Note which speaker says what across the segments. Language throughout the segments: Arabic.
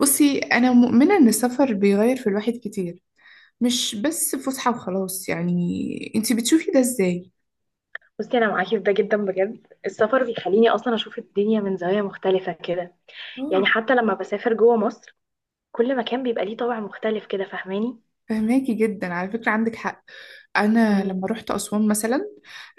Speaker 1: بصي، أنا مؤمنة إن السفر بيغير في الواحد كتير، مش بس فسحة وخلاص يعني. أنتي بتشوفي ده إزاي؟
Speaker 2: بصي، انا معاكي في ده جدا بجد. السفر بيخليني اصلا اشوف الدنيا من زاويه مختلفه كده.
Speaker 1: اه،
Speaker 2: يعني حتى لما بسافر جوه مصر كل مكان بيبقى ليه طابع مختلف كده، فاهماني؟
Speaker 1: فهماكي جدا، على فكرة عندك حق. أنا
Speaker 2: مم.
Speaker 1: لما رحت أسوان مثلا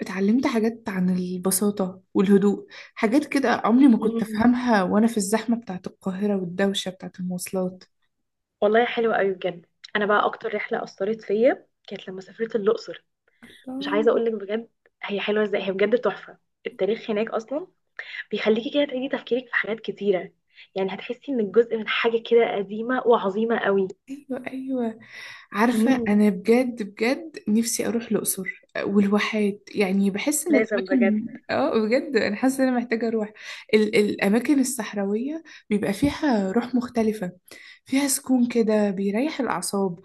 Speaker 1: اتعلمت حاجات عن البساطة والهدوء، حاجات كده عمري ما كنت
Speaker 2: مم.
Speaker 1: أفهمها وأنا في الزحمة بتاعت القاهرة والدوشة بتاعت المواصلات.
Speaker 2: والله حلو قوي بجد. انا بقى اكتر رحله اثرت فيا كانت لما سافرت الاقصر. مش
Speaker 1: الله.
Speaker 2: عايزه اقول لك بجد هي حلوه ازاي، هي بجد تحفه. التاريخ هناك اصلا بيخليكي كده تعيدي تفكيرك في حاجات كتيره. يعني هتحسي انك جزء من حاجه كده قديمه وعظيمه قوي.
Speaker 1: أيوة أيوة، عارفة
Speaker 2: مم.
Speaker 1: أنا بجد بجد نفسي أروح الأقصر والواحات، يعني بحس إن
Speaker 2: لازم بجد.
Speaker 1: الأماكن. بجد أنا حاسة إن أنا محتاجة أروح الأماكن الصحراوية، بيبقى فيها روح مختلفة، فيها سكون كده بيريح الأعصاب.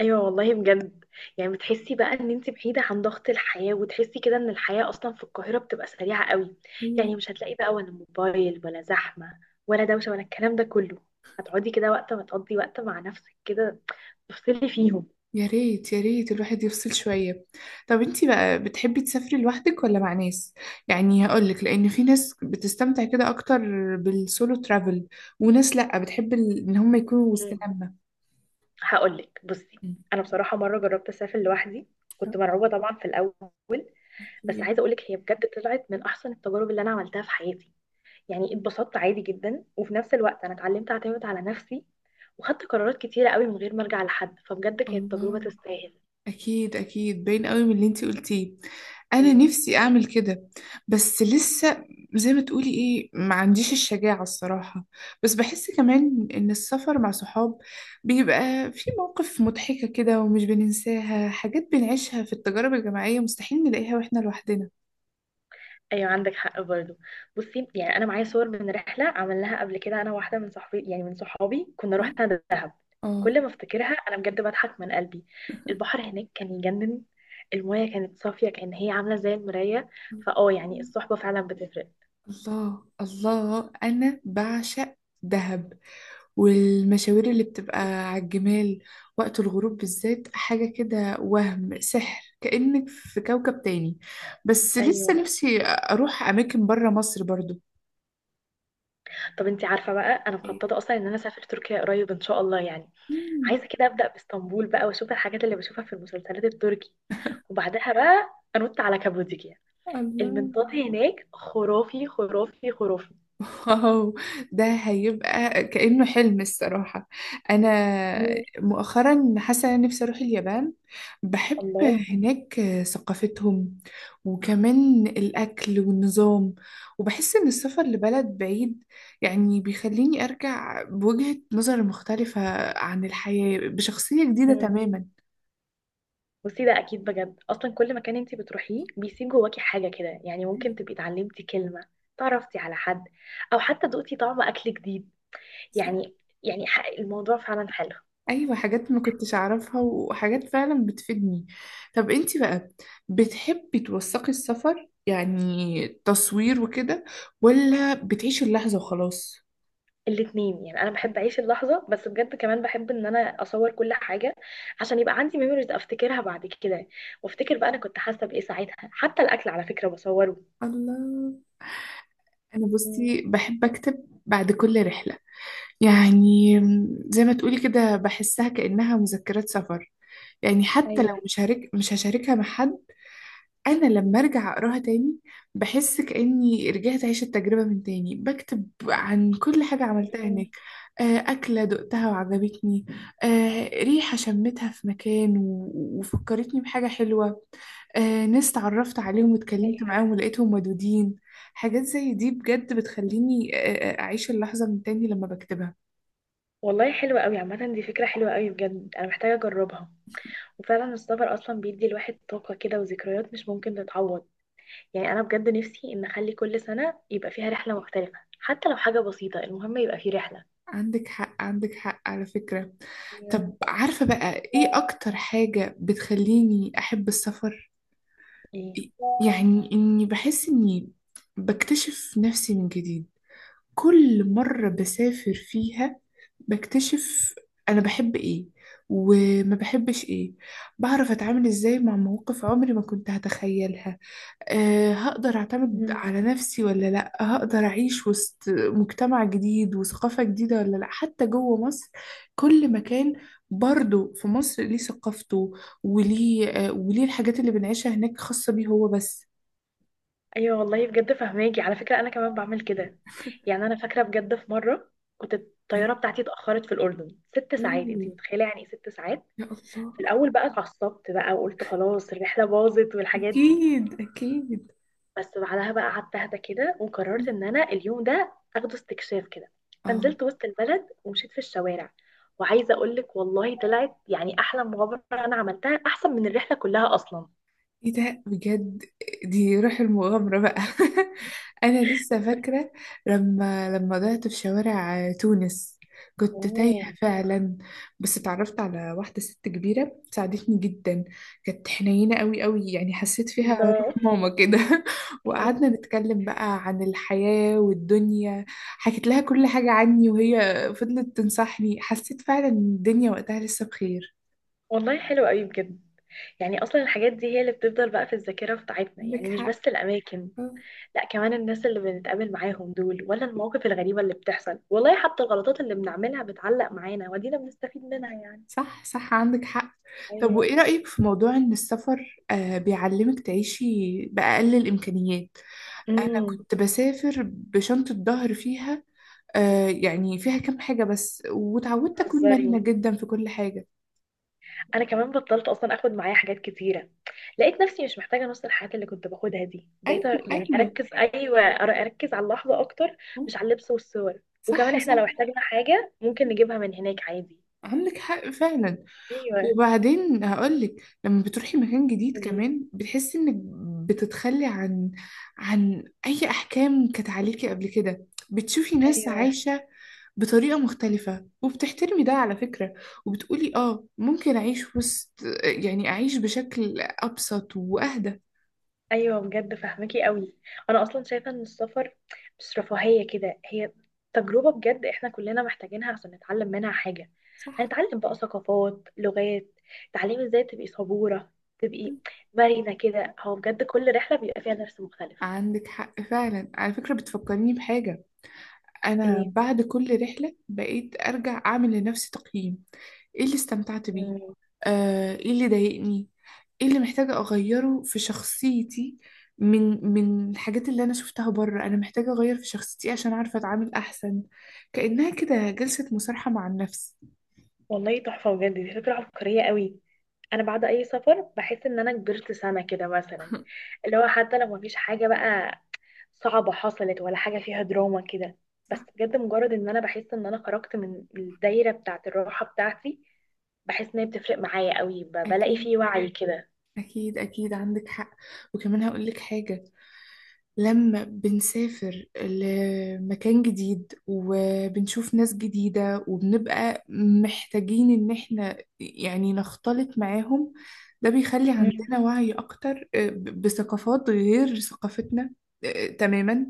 Speaker 2: ايوه والله بجد. يعني بتحسي بقى ان انت بعيده عن ضغط الحياه، وتحسي كده ان الحياه اصلا في القاهره بتبقى سريعه قوي.
Speaker 1: أيوة.
Speaker 2: يعني مش هتلاقي بقى ولا موبايل ولا زحمه ولا دوشه ولا الكلام ده كله. هتقعدي كده وقت ما تقضي وقت مع نفسك كده، تفصلي فيهم.
Speaker 1: يا ريت يا ريت الواحد يفصل شوية. طب انتي بقى بتحبي تسافري لوحدك ولا مع ناس؟ يعني هقولك لأن في ناس بتستمتع كده أكتر بالسولو ترافل، وناس لأ بتحب إن هم يكونوا وسط
Speaker 2: مم.
Speaker 1: لمة.
Speaker 2: هقولك بصي،
Speaker 1: مم.
Speaker 2: انا بصراحه مره جربت اسافر لوحدي.
Speaker 1: آه،
Speaker 2: كنت مرعوبه طبعا في الاول. بس
Speaker 1: أكيد.
Speaker 2: عايزه اقولك هي بجد طلعت من احسن التجارب اللي انا عملتها في حياتي. يعني اتبسطت عادي جدا، وفي نفس الوقت انا اتعلمت اعتمد على نفسي وخدت قرارات كتيرة قوي من غير ما ارجع لحد. فبجد كانت تجربة
Speaker 1: الله.
Speaker 2: تستاهل.
Speaker 1: اكيد اكيد باين قوي من اللي انتي قلتيه، انا
Speaker 2: ايوه
Speaker 1: نفسي اعمل كده بس لسه، زي ما تقولي ايه ما عنديش الشجاعة الصراحة. بس بحس كمان ان السفر مع صحاب بيبقى في مواقف مضحكة كده ومش بننساها، حاجات بنعيشها في التجارب الجماعية مستحيل نلاقيها واحنا لوحدنا.
Speaker 2: ايوه عندك حق برضو. بصي يعني انا معايا صور من رحله عملناها قبل كده انا واحده من صحابي، كنا
Speaker 1: اه.
Speaker 2: رحنا دهب.
Speaker 1: آه.
Speaker 2: كل ما افتكرها انا بجد بضحك من قلبي. البحر هناك كان يجنن. المايه كانت صافيه، كان هي عامله زي المرايه. فاه يعني الصحبه فعلا بتفرق.
Speaker 1: الله الله، انا بعشق دهب والمشاوير اللي بتبقى على الجمال وقت الغروب بالذات، حاجة كده وهم سحر كأنك في كوكب تاني. بس لسه
Speaker 2: ايوه.
Speaker 1: نفسي أروح أماكن برا مصر برضو.
Speaker 2: طب انتي عارفه بقى انا مخططه اصلا ان انا اسافر تركيا قريب ان شاء الله؟ يعني
Speaker 1: مم.
Speaker 2: عايزه كده ابدا باسطنبول بقى واشوف الحاجات اللي بشوفها في المسلسلات التركي، وبعدها بقى انط على كابوديكيا.
Speaker 1: الله.
Speaker 2: المنطاد هناك خرافي خرافي خرافي.
Speaker 1: واو، ده هيبقى كأنه حلم الصراحة. أنا
Speaker 2: مم.
Speaker 1: مؤخرا حاسة إن أنا نفسي أروح اليابان، بحب
Speaker 2: الله.
Speaker 1: هناك ثقافتهم وكمان الأكل والنظام، وبحس إن السفر لبلد بعيد يعني بيخليني أرجع بوجهة نظر مختلفة عن الحياة بشخصية جديدة.
Speaker 2: مم. بصي ده اكيد بجد. اصلا كل مكان انت بتروحيه بيسيب جواكي حاجه كده. يعني
Speaker 1: تماما.
Speaker 2: ممكن تبقي اتعلمتي كلمه، تعرفتي على حد، او حتى دقتي طعم اكل جديد. يعني يعني الموضوع فعلا حلو.
Speaker 1: ايوه، حاجات ما كنتش اعرفها وحاجات فعلا بتفيدني. طب انتي بقى، بتحبي توثقي السفر يعني تصوير وكده، ولا بتعيشي اللحظة وخلاص؟
Speaker 2: الاتنين يعني. انا بحب اعيش اللحظه، بس بجد كمان بحب ان انا اصور كل حاجه عشان يبقى عندي ميموريز افتكرها بعد كده، وافتكر بقى انا كنت حاسه بايه ساعتها. حتى الاكل على فكره بصوره.
Speaker 1: الله. انا
Speaker 2: مم.
Speaker 1: بصي بحب اكتب بعد كل رحلة، يعني زي ما تقولي كده بحسها كأنها مذكرات سفر، يعني حتى لو
Speaker 2: ايوه.
Speaker 1: مش مش هشاركها مع حد، انا لما ارجع اقراها تاني بحس كاني رجعت اعيش التجربه من تاني، بكتب عن كل حاجه عملتها
Speaker 2: مم.
Speaker 1: هناك. اكله دقتها وعجبتني، ريحه شمتها في مكان وفكرتني بحاجه حلوه، ناس تعرفت عليهم واتكلمت
Speaker 2: ايوه
Speaker 1: معاهم ولقيتهم ودودين. حاجات زي دي بجد بتخليني، اعيش اللحظه من تاني لما بكتبها.
Speaker 2: والله حلوه قوي عامه، دي فكره حلوه قوي بجد، انا محتاجه اجربها. وفعلا السفر اصلا بيدي الواحد طاقه كده وذكريات مش ممكن تتعوض. يعني انا بجد نفسي ان اخلي كل سنه يبقى فيها رحله مختلفه، حتى لو حاجه بسيطه، المهم يبقى في رحله.
Speaker 1: عندك حق عندك حق على فكره.
Speaker 2: ايوه.
Speaker 1: طب عارفه بقى ايه اكتر حاجه بتخليني احب السفر؟ يعني إني بحس إني بكتشف نفسي من جديد، كل مرة بسافر فيها بكتشف أنا بحب إيه وما بحبش إيه، بعرف أتعامل إزاي مع مواقف عمري ما كنت هتخيلها. هقدر أعتمد
Speaker 2: ايه.
Speaker 1: على نفسي ولا لأ، هقدر أعيش وسط مجتمع جديد وثقافة جديدة ولا لأ. حتى جوه مصر كل مكان، برضه في مصر ليه ثقافته وليه الحاجات اللي بنعيشها هناك خاصة بيه هو بس.
Speaker 2: ايوه والله بجد فهماكي على فكره، انا كمان بعمل كده. يعني انا فاكره بجد في مره كنت
Speaker 1: إيه؟
Speaker 2: الطياره بتاعتي اتاخرت في الاردن ست ساعات. انت
Speaker 1: أوه.
Speaker 2: متخيله يعني ايه ست ساعات؟
Speaker 1: يا
Speaker 2: في
Speaker 1: الله.
Speaker 2: الاول بقى اتعصبت بقى وقلت خلاص الرحله باظت والحاجات دي.
Speaker 1: أكيد أكيد.
Speaker 2: بس بعدها بقى قعدت اهدى كده وقررت ان انا اليوم ده اخده استكشاف كده.
Speaker 1: آه
Speaker 2: فنزلت وسط البلد ومشيت في الشوارع. وعايزه اقول لك والله طلعت يعني احلى مغامره انا عملتها، احسن من الرحله كلها اصلا.
Speaker 1: ايه ده بجد، دي روح المغامرة بقى. انا لسه فاكرة لما ضعت في شوارع تونس، كنت
Speaker 2: اوه.
Speaker 1: تايهة فعلا، بس اتعرفت على واحدة ست كبيرة ساعدتني جدا، كانت حنينة قوي قوي يعني حسيت فيها روح
Speaker 2: الله.
Speaker 1: ماما كده. وقعدنا نتكلم بقى عن الحياة والدنيا، حكيت لها كل حاجة عني وهي فضلت تنصحني، حسيت فعلا ان الدنيا وقتها لسه بخير.
Speaker 2: والله حلو قوي بجد. يعني اصلا الحاجات دي هي اللي بتفضل بقى في الذاكره بتاعتنا،
Speaker 1: عندك
Speaker 2: يعني مش
Speaker 1: حق.
Speaker 2: بس الاماكن،
Speaker 1: آه.
Speaker 2: لا كمان الناس اللي بنتقابل معاهم دول، ولا المواقف الغريبه اللي بتحصل، والله حتى الغلطات اللي بنعملها بتعلق معانا ودينا بنستفيد منها يعني.
Speaker 1: صح صح عندك حق. طب
Speaker 2: ايوه.
Speaker 1: وإيه رأيك في موضوع إن السفر بيعلمك تعيشي بأقل الإمكانيات؟
Speaker 2: امم.
Speaker 1: كنت بسافر بشنطة ظهر فيها، يعني فيها كام حاجة بس، وتعودت أكون
Speaker 2: بتهزري؟
Speaker 1: مرنة جدا في كل حاجة.
Speaker 2: انا كمان بطلت اصلا اخد معايا حاجات كتيره، لقيت نفسي مش محتاجه نص الحاجات اللي كنت باخدها دي. بقيت
Speaker 1: أيوة
Speaker 2: يعني
Speaker 1: أيوة.
Speaker 2: اركز، ايوه، اركز على اللحظه اكتر، مش على اللبس والصور. وكمان
Speaker 1: صح
Speaker 2: احنا
Speaker 1: صح.
Speaker 2: لو احتاجنا حاجه ممكن نجيبها من هناك عادي.
Speaker 1: عندك حق فعلا.
Speaker 2: ايوه.
Speaker 1: وبعدين هقولك، لما بتروحي مكان جديد
Speaker 2: قوليلي.
Speaker 1: كمان بتحسي انك بتتخلي عن، عن اي احكام كانت عليكي قبل كده، بتشوفي ناس
Speaker 2: ايوه
Speaker 1: عايشة بطريقة مختلفة وبتحترمي ده على فكرة، وبتقولي اه ممكن أعيش في وسط، يعني أعيش بشكل أبسط وأهدى.
Speaker 2: ايوه بجد فاهمكي قوي. انا اصلا شايفه ان السفر مش رفاهيه كده، هي تجربه بجد احنا كلنا محتاجينها عشان نتعلم منها حاجه.
Speaker 1: صح.
Speaker 2: هنتعلم بقى ثقافات، لغات، تعليم ازاي تبقي صبوره، تبقي مرنه كده. هو بجد كل رحله بيبقى فيها درس مختلف.
Speaker 1: عندك حق فعلا على فكرة، بتفكرني بحاجة. أنا بعد كل رحلة بقيت أرجع أعمل لنفسي تقييم، إيه اللي استمتعت بيه،
Speaker 2: ايه.
Speaker 1: إيه اللي ضايقني، إيه اللي محتاجة أغيره في شخصيتي، من الحاجات اللي أنا شفتها بره أنا محتاجة أغير في شخصيتي عشان أعرف أتعامل أحسن، كأنها كده جلسة مصالحة مع النفس.
Speaker 2: والله تحفة بجد، دي فكرة عبقرية قوي. أنا بعد أي سفر بحس إن أنا كبرت سنة كده مثلا، اللي هو حتى لو مفيش حاجة بقى صعبة حصلت ولا حاجة فيها دراما كده، بس
Speaker 1: صح.
Speaker 2: بجد مجرد إن أنا بحس إن أنا خرجت من الدايرة بتاعة الراحة بتاعتي، بحس إن هي بتفرق معايا قوي. بلاقي
Speaker 1: أكيد
Speaker 2: فيه وعي كده.
Speaker 1: أكيد أكيد عندك حق. وكمان هقول لك حاجة، لما بنسافر لمكان جديد وبنشوف ناس جديدة وبنبقى محتاجين إن إحنا يعني نختلط معاهم، ده بيخلي
Speaker 2: مم.
Speaker 1: عندنا وعي أكتر بثقافات غير ثقافتنا. تماما.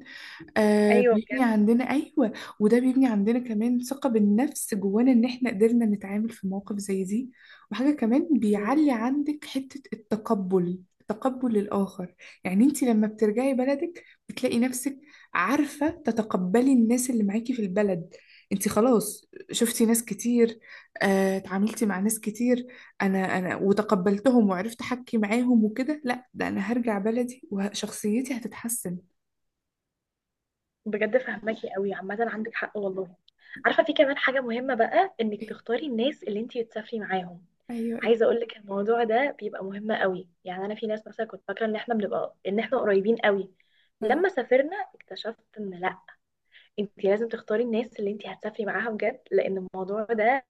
Speaker 2: أيوه
Speaker 1: بيبني
Speaker 2: بجد
Speaker 1: عندنا، أيوة. وده بيبني عندنا كمان ثقة بالنفس جوانا إن إحنا قدرنا نتعامل في مواقف زي دي. وحاجة كمان بيعلي عندك حتة التقبل، تقبل الآخر. يعني أنت لما بترجعي بلدك بتلاقي نفسك عارفة تتقبلي الناس اللي معاكي في البلد، أنت خلاص شفتي ناس كتير، اتعاملتي مع ناس كتير، أنا وتقبلتهم وعرفت أحكي معاهم وكده، لا ده أنا هرجع بلدي وشخصيتي هتتحسن.
Speaker 2: بجد فهماكي قوي عامة، عندك حق والله. عارفة في كمان حاجة مهمة بقى، انك
Speaker 1: إيه؟
Speaker 2: تختاري الناس اللي انتي تسافري معاهم.
Speaker 1: ايوه.
Speaker 2: عايزة اقولك الموضوع ده بيبقى مهم قوي. يعني انا في ناس مثلا كنت فاكرة ان احنا بنبقى ان احنا قريبين قوي،
Speaker 1: آه.
Speaker 2: لما سافرنا اكتشفت ان لا. انتي لازم تختاري الناس اللي انتي هتسافري معاها بجد، لان الموضوع ده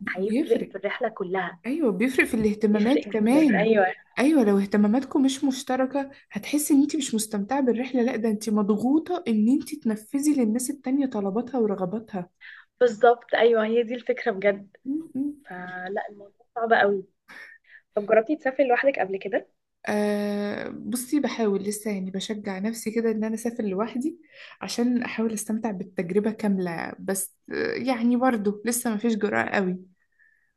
Speaker 2: هيفرق
Speaker 1: بيفرق.
Speaker 2: في الرحلة كلها.
Speaker 1: ايوه بيفرق في الاهتمامات
Speaker 2: بيفرق جدا.
Speaker 1: كمان.
Speaker 2: ايوه
Speaker 1: ايوه لو اهتماماتكم مش مشتركه هتحسي ان انت مش مستمتعه بالرحله، لا ده انت مضغوطه ان انت تنفذي للناس التانية طلباتها ورغباتها.
Speaker 2: بالظبط، ايوه، هي دي الفكرة بجد.
Speaker 1: م- م.
Speaker 2: فلا الموضوع صعب قوي. طب جربتي تسافري لوحدك قبل كده؟
Speaker 1: بصي بحاول لسه يعني بشجع نفسي كده ان انا اسافر لوحدي عشان احاول استمتع بالتجربه كامله، بس يعني برضه لسه ما فيش جرأة قوي.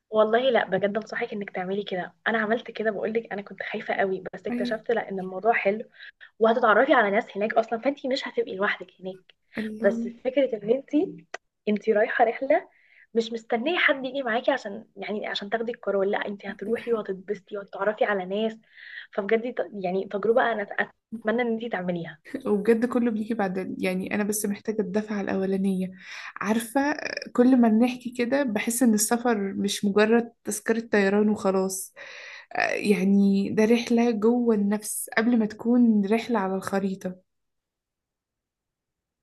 Speaker 2: والله لا، بجد انصحك انك تعملي كده. انا عملت كده بقول لك، انا كنت خايفه قوي بس
Speaker 1: ايوه.
Speaker 2: اكتشفت لا، ان الموضوع حلو. وهتتعرفي على ناس هناك اصلا، فانتي مش هتبقي لوحدك هناك. بس
Speaker 1: الله.
Speaker 2: فكره ان انتي رايحه رحله، مش مستنيه حد يجي معاكي عشان تاخدي القرار. لا انتي
Speaker 1: عندك
Speaker 2: هتروحي
Speaker 1: حق.
Speaker 2: وهتتبسطي وهتتعرفي على ناس. فبجد يعني تجربه انا اتمنى ان انتي تعمليها.
Speaker 1: وبجد كله بيجي بعد، يعني انا بس محتاجه الدفعه الاولانيه. عارفه، كل ما بنحكي كده بحس ان السفر مش مجرد تذكره طيران وخلاص، يعني ده رحله جوه النفس قبل ما تكون رحله على الخريطه.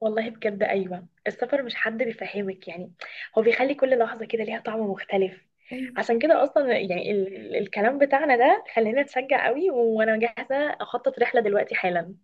Speaker 2: والله بجد أيوة السفر مش حد بيفهمك يعني، هو بيخلي كل لحظة كده ليها طعم مختلف. عشان
Speaker 1: أيوة.
Speaker 2: كده أصلا يعني الكلام بتاعنا ده خلينا نتشجع قوي وأنا جاهزة أخطط رحلة دلوقتي حالا.